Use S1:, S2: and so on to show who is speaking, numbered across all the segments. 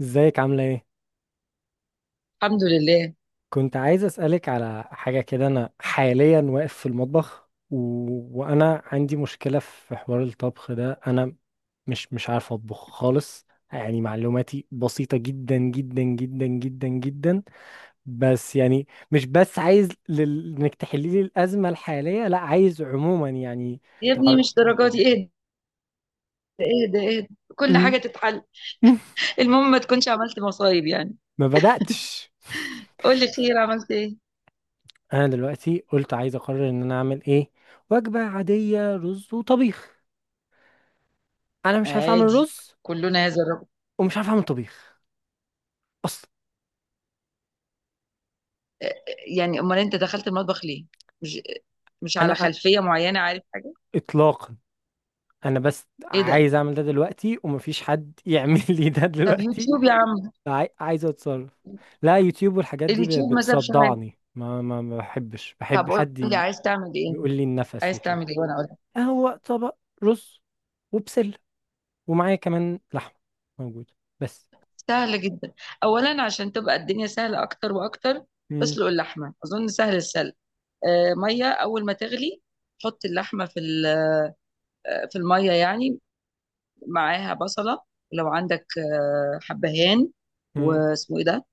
S1: ازيك عاملة ايه؟
S2: الحمد لله.
S1: كنت عايز اسألك على حاجة كده. انا حاليا واقف في المطبخ وانا عندي مشكلة في حوار الطبخ ده. انا مش عارف اطبخ خالص. يعني معلوماتي بسيطة جدا جدا جدا جدا جدا. بس يعني مش بس عايز انك تحلي لي الأزمة الحالية، لا عايز عموما يعني
S2: يا ابني، مش
S1: تعرفيني في
S2: درجاتي،
S1: حاجات.
S2: اهدى اهدى اهدى. كل
S1: م-
S2: حاجة تتحل. المهم ما تكونش عملت مصايب يعني.
S1: ما بدأتش.
S2: قول لي، خير، عملت ايه؟
S1: انا دلوقتي قلت عايز اقرر ان انا اعمل ايه. وجبة عادية، رز وطبيخ. انا مش عارف اعمل
S2: عادي،
S1: رز
S2: كلنا هذا الرجل.
S1: ومش عارف اعمل طبيخ اصلا.
S2: آه، يعني امال انت دخلت المطبخ ليه؟ مش مش على
S1: انا أ-
S2: خلفية معينة، عارف حاجة؟
S1: اطلاقا. انا بس
S2: ايه ده؟
S1: عايز اعمل ده دلوقتي ومفيش حد يعمل لي ده
S2: طب
S1: دلوقتي.
S2: يوتيوب يا عم.
S1: عايز اتصرف. لا، يوتيوب والحاجات دي
S2: اليوتيوب ما سابش حاجة.
S1: بتصدعني. ما بحبش،
S2: طب
S1: بحب
S2: قول
S1: حد
S2: لي عايز تعمل ايه،
S1: يقول لي النفس
S2: عايز
S1: وكده.
S2: تعمل ايه وانا اقول لك.
S1: هو طبق رز وبسلة، ومعايا كمان لحمة موجودة بس.
S2: سهلة جدا. اولا، عشان تبقى الدنيا سهلة اكتر واكتر،
S1: مم.
S2: اسلق اللحمة، اظن سهل السلق. آه، مية، اول ما تغلي حط اللحمة في في الميه يعني، معاها بصله. لو عندك حبهان،
S1: مم.
S2: واسمه ايه ده،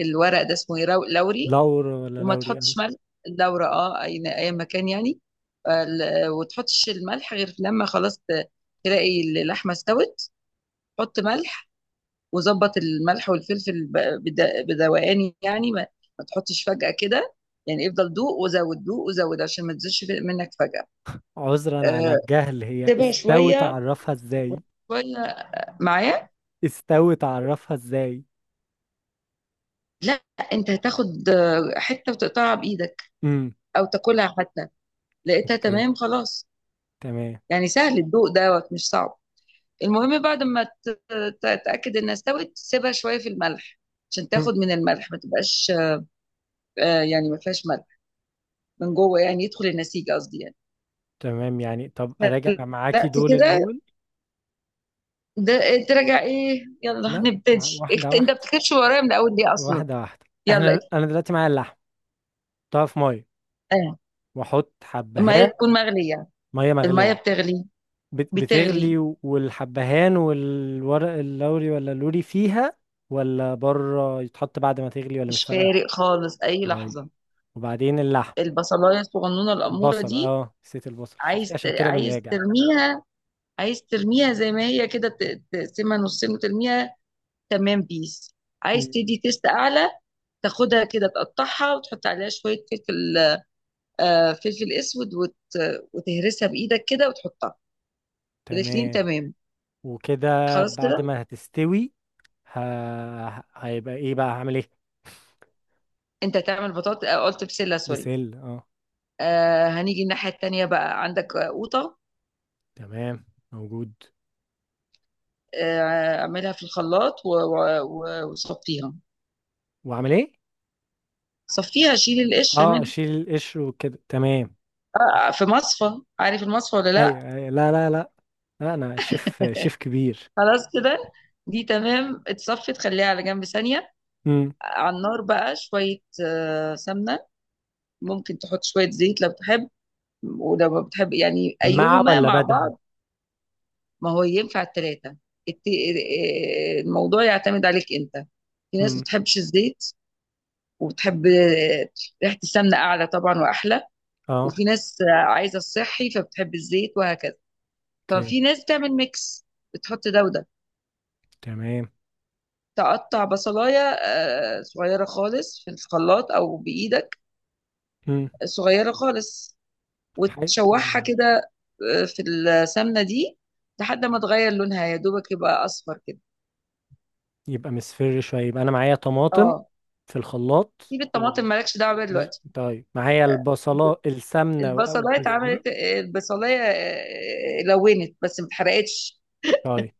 S2: الورق ده اسمه ايه، لوري،
S1: لورا ولا
S2: وما
S1: لوري أنا؟
S2: تحطش ملح. لورا، اي اي مكان يعني. وتحطش الملح غير لما خلاص تلاقي اللحمه استوت، حط ملح. وظبط الملح والفلفل بدوقان يعني، ما تحطش فجأة كده. يعني افضل دوق وزود، دوق وزود، عشان ما تزيدش منك فجأة.
S1: عذرا على
S2: آه،
S1: الجهل، هي
S2: تبقى
S1: استوت
S2: شوية
S1: اعرفها ازاي؟
S2: شوية معايا.
S1: استوت اعرفها ازاي؟
S2: لأ، أنت هتاخد حتة وتقطعها بإيدك
S1: امم.
S2: أو تاكلها حتى. لقيتها
S1: اوكي
S2: تمام، خلاص.
S1: تمام.
S2: يعني سهل الدوق دوت، مش صعب. المهم بعد ما تتأكد إنها استوت، سيبها شوية في الملح عشان
S1: مم.
S2: تاخد من الملح، ما تبقاش يعني ما فيهاش ملح من جوه، يعني يدخل النسيج، قصدي، يعني.
S1: تمام يعني، طب اراجع
S2: لا
S1: معاكي دول
S2: كده
S1: الاول.
S2: ده، تراجع ايه، يلا
S1: لا،
S2: هنبتدي
S1: واحده
S2: انت
S1: واحده،
S2: بتكتبش ورايا من الاول ليه اصلا.
S1: واحده واحده.
S2: يلا
S1: احنا انا دلوقتي معايا اللحم. طب في ميه؟
S2: اه،
S1: واحط
S2: الميه
S1: حبهان.
S2: تكون مغليه.
S1: ميه
S2: الميه
S1: مغليه.
S2: بتغلي. بتغلي
S1: بتغلي والحبهان والورق اللوري ولا اللوري فيها؟ ولا بره يتحط بعد ما تغلي؟ ولا مش
S2: مش
S1: فارقه؟
S2: فارق خالص، اي
S1: طيب،
S2: لحظه.
S1: وبعدين اللحم.
S2: البصلايه الصغنونه الاموره
S1: البصل،
S2: دي،
S1: اه نسيت البصل شفتي
S2: عايز
S1: عشان كده
S2: عايز
S1: بنراجع.
S2: ترميها. عايز ترميها زي ما هي كده، تقسمها نصين وترميها، تمام، بيس. عايز
S1: مم.
S2: تدي تيست اعلى، تاخدها كده، تقطعها وتحط عليها شويه فلفل، فلفل اسود، وتهرسها بايدك كده وتحطها. الاثنين
S1: تمام
S2: تمام،
S1: وكده.
S2: خلاص
S1: بعد
S2: كده.
S1: ما هتستوي، ه... هيبقى ايه بقى، هعمل ايه؟
S2: انت تعمل بطاطا، قلت بسله، سوري.
S1: بسل اه.
S2: آه، هنيجي الناحيه التانيه بقى، عندك قوطه.
S1: تمام، موجود.
S2: اعملها في الخلاط وصفيها،
S1: واعمل ايه؟
S2: صفيها، شيل القشر
S1: اه
S2: منها.
S1: اشيل القشر وكده تمام.
S2: في مصفى، عارف المصفى ولا
S1: ايوه
S2: لا.
S1: أيوة. لا لا لا. لا انا شيف شيف كبير.
S2: خلاص كده، دي تمام اتصفت، خليها على جنب ثانية.
S1: امم.
S2: على النار بقى شوية، سمنة. ممكن تحط شوية زيت لو بتحب، ولو ما بتحب يعني،
S1: مع
S2: أيهما
S1: ولا
S2: مع
S1: بدل؟
S2: بعض، ما هو ينفع التلاتة. الموضوع يعتمد عليك أنت. في ناس
S1: امم.
S2: بتحبش الزيت، وبتحب ريحة السمنة أعلى طبعا وأحلى.
S1: اه.
S2: وفي ناس عايزة الصحي، فبتحب الزيت، وهكذا.
S1: اوكي
S2: ففي ناس تعمل ميكس، بتحط ده وده.
S1: تمام.
S2: تقطع بصلاية صغيرة خالص في الخلاط أو بإيدك،
S1: امم.
S2: صغيرة خالص،
S1: حاجة.
S2: وتشوحها كده في السمنة دي لحد ما تغير لونها يا دوبك، يبقى أصفر كده.
S1: يبقى مصفر شوية. يبقى انا معايا طماطم
S2: اه
S1: في الخلاط
S2: سيب الطماطم، مالكش دعوة بيها
S1: ماشي.
S2: دلوقتي.
S1: طيب معايا البصلة، السمنة او
S2: البصلاية
S1: بالزيت.
S2: اتعملت، آه، البصلاية آه، آه، لونت بس ما اتحرقتش.
S1: طيب.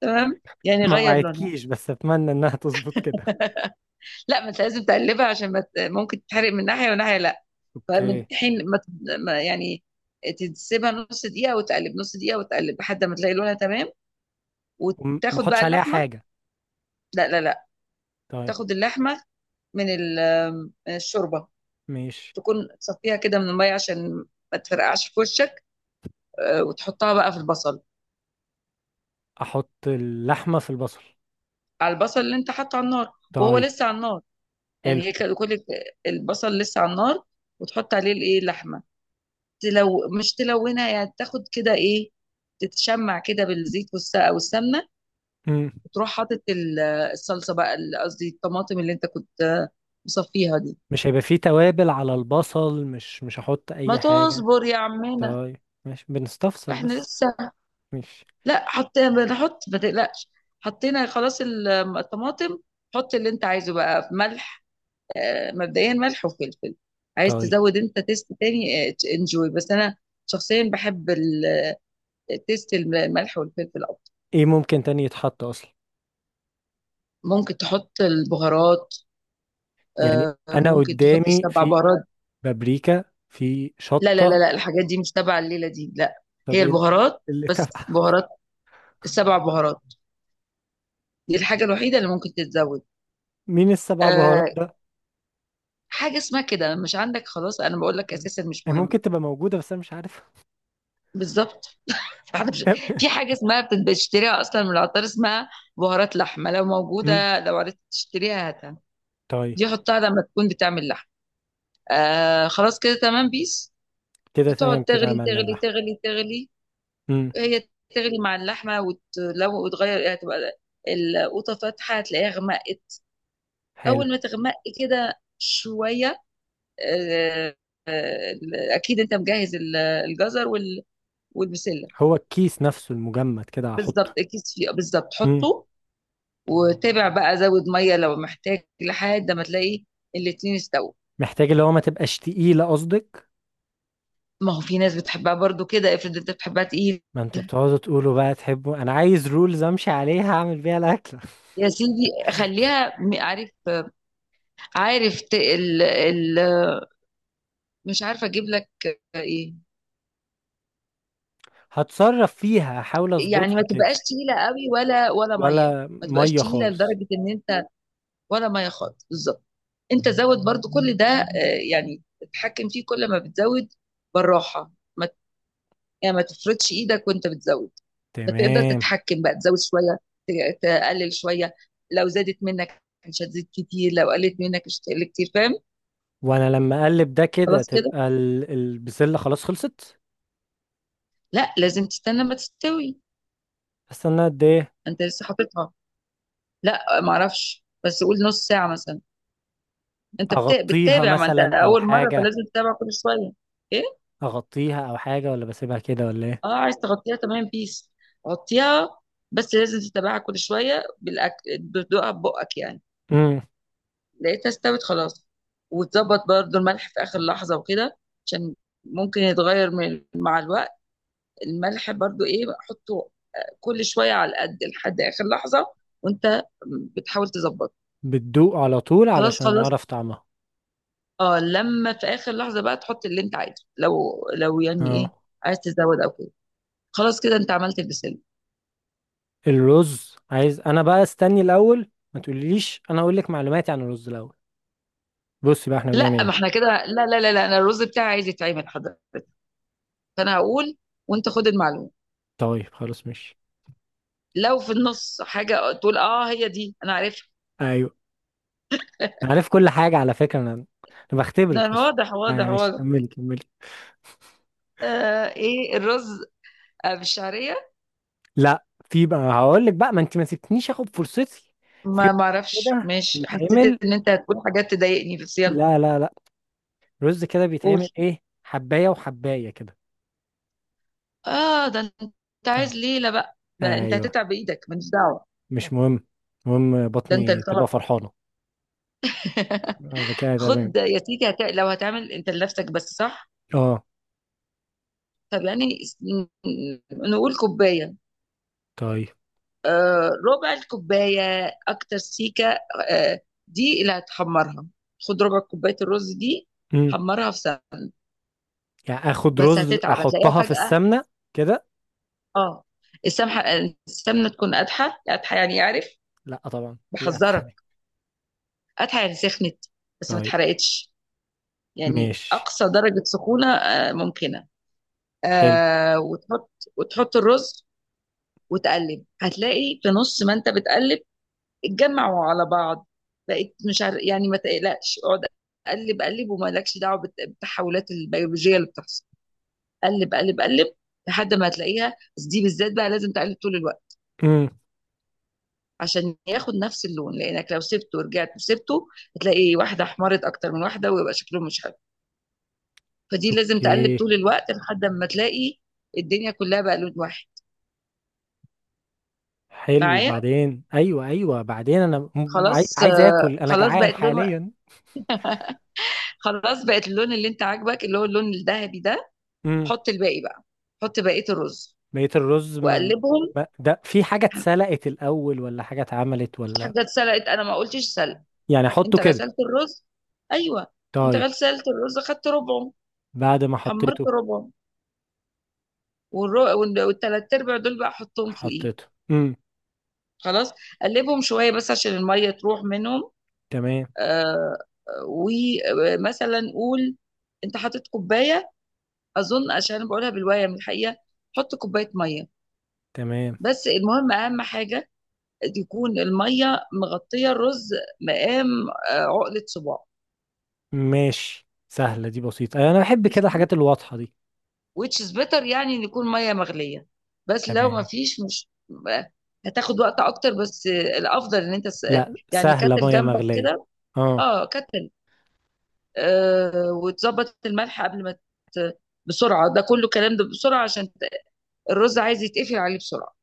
S2: تمام يعني،
S1: ما
S2: غير لونها.
S1: وعدتكيش بس اتمنى انها تظبط كده.
S2: لا، ما انت لازم تقلبها، عشان ما ممكن تتحرق من ناحية وناحية، لا. فمن
S1: اوكي.
S2: حين ما يعني تسيبها نص دقيقة، وتقلب نص دقيقة، وتقلب، لحد ما تلاقي لونها تمام،
S1: وما
S2: وتاخد
S1: احطش
S2: بقى
S1: عليها
S2: اللحمة.
S1: حاجة؟
S2: لا لا لا،
S1: طيب.
S2: تاخد اللحمة من من الشوربة،
S1: ماشي،
S2: تكون تصفيها كده من المية عشان ما تفرقعش في وشك. وتحطها بقى في البصل،
S1: احط اللحمة في البصل.
S2: على البصل اللي انت حاطه على النار وهو
S1: طيب.
S2: لسه على النار.
S1: حلو.
S2: يعني هي كده كل البصل لسه على النار، وتحط عليه الايه، اللحمة، تلو، مش تلونها، يعني تاخد كده ايه، تتشمع كده بالزيت والسمنة.
S1: مم.
S2: وتروح حاطط الصلصه بقى، قصدي الطماطم اللي انت كنت مصفيها دي.
S1: مش هيبقى فيه توابل على البصل؟ مش هحط
S2: ما
S1: اي حاجة؟
S2: تصبر يا عمنا،
S1: طيب، ماشي، بنستفسر
S2: احنا
S1: بس.
S2: لسه.
S1: ماشي.
S2: لا، حطينا، بنحط، ما تقلقش، حطينا، خلاص الطماطم. حط اللي انت عايزه بقى، ملح، مبدئيا ملح وفلفل. عايز
S1: طيب،
S2: تزود انت تيست تاني، انجوي. بس انا شخصيا بحب تيست الملح والفلفل اكتر.
S1: ايه ممكن تاني يتحط اصلا؟
S2: ممكن تحط البهارات،
S1: يعني انا
S2: ممكن تحط
S1: قدامي
S2: السبع
S1: في
S2: بهارات.
S1: بابريكا، في
S2: لا لا لا
S1: شطة.
S2: لا، الحاجات دي مش تبع الليلة دي، لا.
S1: طب
S2: هي
S1: ايه
S2: البهارات
S1: اللي
S2: بس
S1: تبع؟
S2: بهارات، السبع بهارات دي الحاجة الوحيدة اللي ممكن تتزود.
S1: مين السبع بهارات
S2: آه
S1: ده؟
S2: حاجة اسمها كده، مش عندك، خلاص، أنا بقول لك
S1: طيب.
S2: أساسا مش
S1: هي
S2: مهمة
S1: ممكن تبقى موجودة بس انا مش عارف.
S2: بالظبط. فاحنا في حاجة اسمها بتشتريها أصلا من العطار، اسمها بهارات لحمة. لو
S1: مم.
S2: موجودة، لو عرفت تشتريها هاتها.
S1: طيب،
S2: دي حطها لما تكون بتعمل لحم. خلاص كده، تمام، بيس.
S1: كده تمام،
S2: تقعد
S1: كده
S2: تغلي
S1: عملنا
S2: تغلي
S1: اللحم.
S2: تغلي تغلي.
S1: مم.
S2: هي تغلي مع اللحمة، وتغير، هتبقى القوطة فاتحة تلاقيها غمقت.
S1: حلو.
S2: أول ما تغمق كده شوية، آه، آه، أكيد أنت مجهز الجزر والبسلة.
S1: هو الكيس نفسه المجمد كده
S2: بالظبط،
S1: هحطه.
S2: الكيس فيه بالظبط،
S1: امم.
S2: حطه. وتابع بقى، زود مية لو محتاج، لحد ما تلاقي الاتنين استووا.
S1: محتاج اللي هو ما تبقاش تقيلة قصدك؟
S2: ما هو في ناس بتحبها برضو كده، افرض انت بتحبها تقيل.
S1: ما انتوا بتقعدوا تقولوا بقى تحبوا، انا عايز رولز امشي عليها اعمل بيها الاكل.
S2: يا سيدي، خليها عارف، ال مش عارفة اجيب لك ايه.
S1: هتصرف فيها، احاول
S2: يعني ما
S1: اظبطها كده.
S2: تبقاش تقيلة قوي، ولا مية.
S1: ولا
S2: ما تبقاش
S1: مية
S2: تقيلة
S1: خالص.
S2: لدرجة ان انت، ولا مية خالص بالظبط. انت زود برضو كل ده، يعني تتحكم فيه كل ما بتزود بالراحة. ما ت- يعني ما تفرضش ايدك وانت بتزود. فتقدر
S1: تمام.
S2: تتحكم بقى، تزود شوية، تقلل شوية. لو زادت منك مش هتزيد كتير، لو قلت منك مش هتقل كتير، فاهم.
S1: وانا لما اقلب ده كده،
S2: خلاص كده.
S1: تبقى البسلة خلاص خلصت؟
S2: لا، لازم تستنى ما تستوي.
S1: استنى قد ايه؟
S2: انت لسه حاططها. لا معرفش، بس قول نص ساعة مثلا. انت
S1: اغطيها
S2: بتتابع، ما انت
S1: مثلا او
S2: اول مره،
S1: حاجة؟
S2: فلازم تتابع كل شويه. ايه؟
S1: اغطيها او حاجة ولا بسيبها كده ولا ايه؟
S2: اه، عايز تغطيها، تمام، بيس، غطيها. بس لازم تتابعها كل شويه بالاكل، بتدوقها ببقك يعني.
S1: امم.
S2: لقيتها استوت، خلاص. وتظبط برضو الملح في اخر لحظه وكده، عشان ممكن يتغير من مع الوقت. الملح برضو، ايه، حطه كل شويه على القد، لحد اخر لحظه وانت بتحاول تظبط.
S1: بتدوق على طول
S2: خلاص،
S1: علشان
S2: خلاص.
S1: اعرف طعمها.
S2: اه، لما في اخر لحظه بقى تحط اللي انت عايزه، لو يعني ايه،
S1: اه.
S2: عايز تزود او كده. خلاص كده، أنت عملت البسلة.
S1: الرز، عايز انا بقى استني الاول ما تقوليش، انا اقول لك معلوماتي عن الرز الاول. بصي بقى، احنا بنعمل
S2: لا، ما
S1: ايه؟
S2: إحنا كده، لا لا لا لا، أنا الرز بتاعي عايز يتعمل حضرتك، فأنا هقول وأنت خد المعلومة.
S1: طيب خلاص ماشي.
S2: لو في النص حاجة تقول أه هي دي أنا عارفها.
S1: ايوه، أنا عارف كل حاجه على فكره، انا انا
S2: ده
S1: بختبرك اصلا.
S2: واضح
S1: يعني
S2: واضح
S1: ماشي،
S2: واضح.
S1: كملي كملي.
S2: إيه الرز، بالشعرية.
S1: لا، في بقى هقول لك بقى، ما انت ما سبتنيش اخد فرصتي. في
S2: ما أعرفش،
S1: كده
S2: ماشي، حسيت
S1: بيتعمل.
S2: إن أنت هتقول حاجات تضايقني، بس يلا
S1: لا لا لا، رز كده
S2: قول.
S1: بيتعمل ايه، حبايه وحبايه كده.
S2: ده أنت
S1: اه.
S2: عايز ليلة بقى، ده أنت
S1: ايوه،
S2: هتتعب بإيدك ماليش دعوة.
S1: مش مهم، المهم
S2: ده أنت
S1: بطني
S2: اللي
S1: تبقى
S2: طلب.
S1: فرحانه. آه، كده
S2: خد
S1: تمام.
S2: يا سيدي، لو هتعمل انت لنفسك بس، صح.
S1: اه
S2: طب يعني، نقول كوباية،
S1: طيب،
S2: آه، ربع الكوباية، أكتر سيكة، آه، دي اللي هتحمرها. خد ربع كوباية الرز دي، حمرها في سمنة.
S1: يعني اخد
S2: بس
S1: رز
S2: هتتعب، هتلاقيها
S1: احطها في
S2: فجأة.
S1: السمنة كده.
S2: اه السمنة، تكون قادحة قادحة، يعني عارف،
S1: لا طبعا، دي اتحة
S2: بحذرك.
S1: دي.
S2: قادحة يعني سخنت بس ما
S1: طيب
S2: اتحرقتش. يعني
S1: ماشي.
S2: أقصى درجة سخونة ممكنة.
S1: حلو.
S2: وتحط، الرز، وتقلب. هتلاقي في نص ما انت بتقلب، اتجمعوا على بعض، بقيت مش عارف يعني، ما تقلقش، اقعد اقلب اقلب ومالكش دعوه بالتحولات البيولوجيه اللي بتحصل. قلب قلب قلب، لحد ما هتلاقيها. بس دي بالذات بقى لازم تقلب طول الوقت،
S1: امم.
S2: عشان ياخد نفس اللون، لانك لو سبته ورجعت وسبته، هتلاقي واحده احمرت اكتر من واحده ويبقى شكلهم مش حلو. فدي لازم تقلب
S1: اوكي.
S2: طول الوقت لحد ما تلاقي الدنيا كلها بقى لون واحد.
S1: حلو.
S2: معايا.
S1: وبعدين ايوه ايوه بعدين انا
S2: خلاص،
S1: عايز اكل، انا
S2: خلاص
S1: جعان
S2: بقت لون.
S1: حاليا.
S2: خلاص بقت اللون اللي انت عاجبك، اللي هو اللون الذهبي ده.
S1: امم.
S2: حط الباقي بقى، حط بقية الرز
S1: لقيت الرز ما.
S2: وقلبهم.
S1: ده في حاجة اتسلقت الاول ولا حاجة اتعملت
S2: في
S1: ولا؟
S2: حاجة اتسلقت، انا ما قلتش سلق،
S1: يعني احطه
S2: انت
S1: كده.
S2: غسلت الرز. ايوه، انت
S1: طيب.
S2: غسلت الرز، خدت ربعه،
S1: بعد ما
S2: حمرت
S1: حطيته.
S2: ربعه، والتلات ارباع دول بقى حطهم فوقيه،
S1: حطيته. امم.
S2: خلاص. قلبهم شوية بس عشان المية تروح منهم.
S1: تمام.
S2: آه ومثلا قول انت حاطط كوباية، اظن، عشان أنا بقولها بالواية من الحقيقة، حط كوباية مية.
S1: تمام.
S2: بس المهم، اهم حاجة، يكون الميه مغطيه الرز مقام عقله صباع.
S1: ماشي، سهلة دي، بسيطة. انا بحب كده
S2: دي
S1: الحاجات الواضحة دي.
S2: which is better، يعني ان يكون ميه مغليه. بس لو ما
S1: تمام.
S2: فيش، مش آه، هتاخد وقت اكتر. بس الافضل ان انت
S1: لا،
S2: يعني
S1: سهلة،
S2: كاتل
S1: مية
S2: جنبك
S1: مغلية.
S2: كده.
S1: اه.
S2: اه، كاتل. وتظبط الملح قبل ما ت- بسرعه، ده كله كلام، ده بسرعه، عشان الرز عايز يتقفل عليه بسرعه.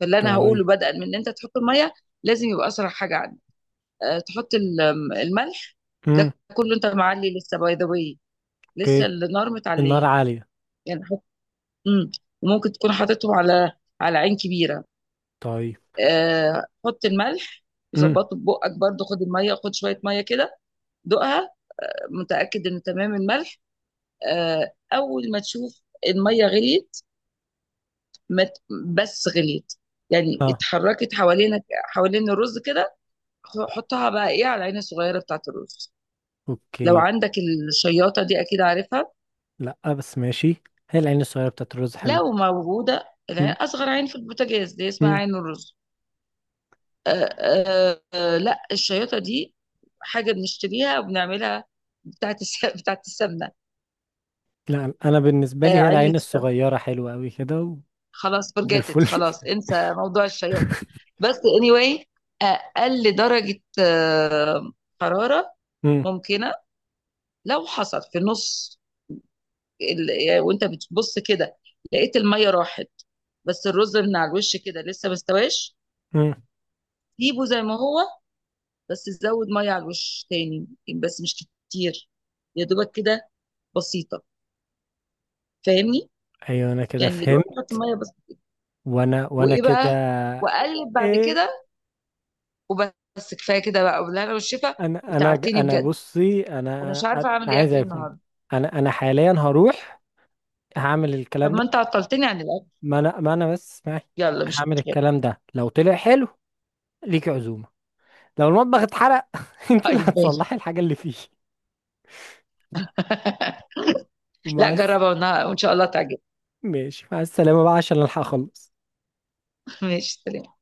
S2: فاللي انا
S1: طيب.
S2: هقوله، بدءا من ان انت تحط الميه، لازم يبقى اسرع حاجه عندك. تحط الملح.
S1: امم.
S2: ده كله انت معلي لسه، باي ذا واي، لسه
S1: اوكي.
S2: النار
S1: النار
S2: متعليه.
S1: عالية.
S2: يعني حط، مم. وممكن تكون حاططهم على عين كبيره.
S1: طيب.
S2: حط الملح
S1: امم.
S2: وظبطه ببقك برضه. خد الميه، خد شويه ميه كده، دوقها، متاكد ان تمام الملح. اول ما تشوف الميه غليت، ما ت- بس غليت، يعني
S1: اه.
S2: اتحركت حوالين الرز كده، حطها بقى ايه على العين الصغيره بتاعت الرز. لو
S1: اوكي.
S2: عندك الشياطه دي اكيد عارفها.
S1: لا بس ماشي. هي العين الصغيرة بتاعت الرز حلوة.
S2: لو موجودة، العين
S1: امم.
S2: أصغر عين في البوتاجاز دي اسمها
S1: امم.
S2: عين الرز. لا، الشياطة دي حاجة بنشتريها وبنعملها، بتاعت السمنة.
S1: لا انا بالنسبة لي هي
S2: علبة
S1: العين
S2: السمنة.
S1: الصغيرة حلوة قوي كده
S2: خلاص
S1: زي
S2: فرجتت،
S1: الفل.
S2: خلاص، انسى موضوع الشياطة. بس anyway، آه، أقل درجة حرارة
S1: امم.
S2: ممكنة. لو حصل في النص يعني وانت بتبص كده، لقيت المية راحت بس الرز من على الوش كده لسه ما استواش،
S1: امم.
S2: سيبه زي ما هو، بس تزود ميه على الوش تاني، بس مش كتير، يا دوبك كده، بسيطه، فاهمني.
S1: ايوه انا كده
S2: يعني يا دوبك
S1: فهمت.
S2: تحط ميه بس.
S1: وانا
S2: وايه بقى،
S1: كده.
S2: واقلب بعد
S1: ايه.
S2: كده، وبس، كفايه كده بقى، وبالهنا والشفا.
S1: انا
S2: وتعبتني
S1: انا
S2: بجد،
S1: بصي،
S2: انا
S1: انا
S2: مش عارفه اعمل ايه
S1: عايز
S2: اكل
S1: اكل.
S2: النهارده.
S1: انا حاليا هروح هعمل
S2: طب
S1: الكلام.
S2: ما انت عطلتني عن الاكل.
S1: ما انا بس معي.
S2: يلا مش
S1: هعمل
S2: مشكله،
S1: الكلام ده، لو طلع حلو ليكي عزومة. لو المطبخ اتحرق انت اللي
S2: طيب ماشي.
S1: هتصلحي الحاجة اللي فيه.
S2: لا،
S1: مع الس-
S2: جربها وان شاء الله تعجبك.
S1: ماشي مع السلامة بقى عشان الحق اخلص.
S2: ماشي، سلام.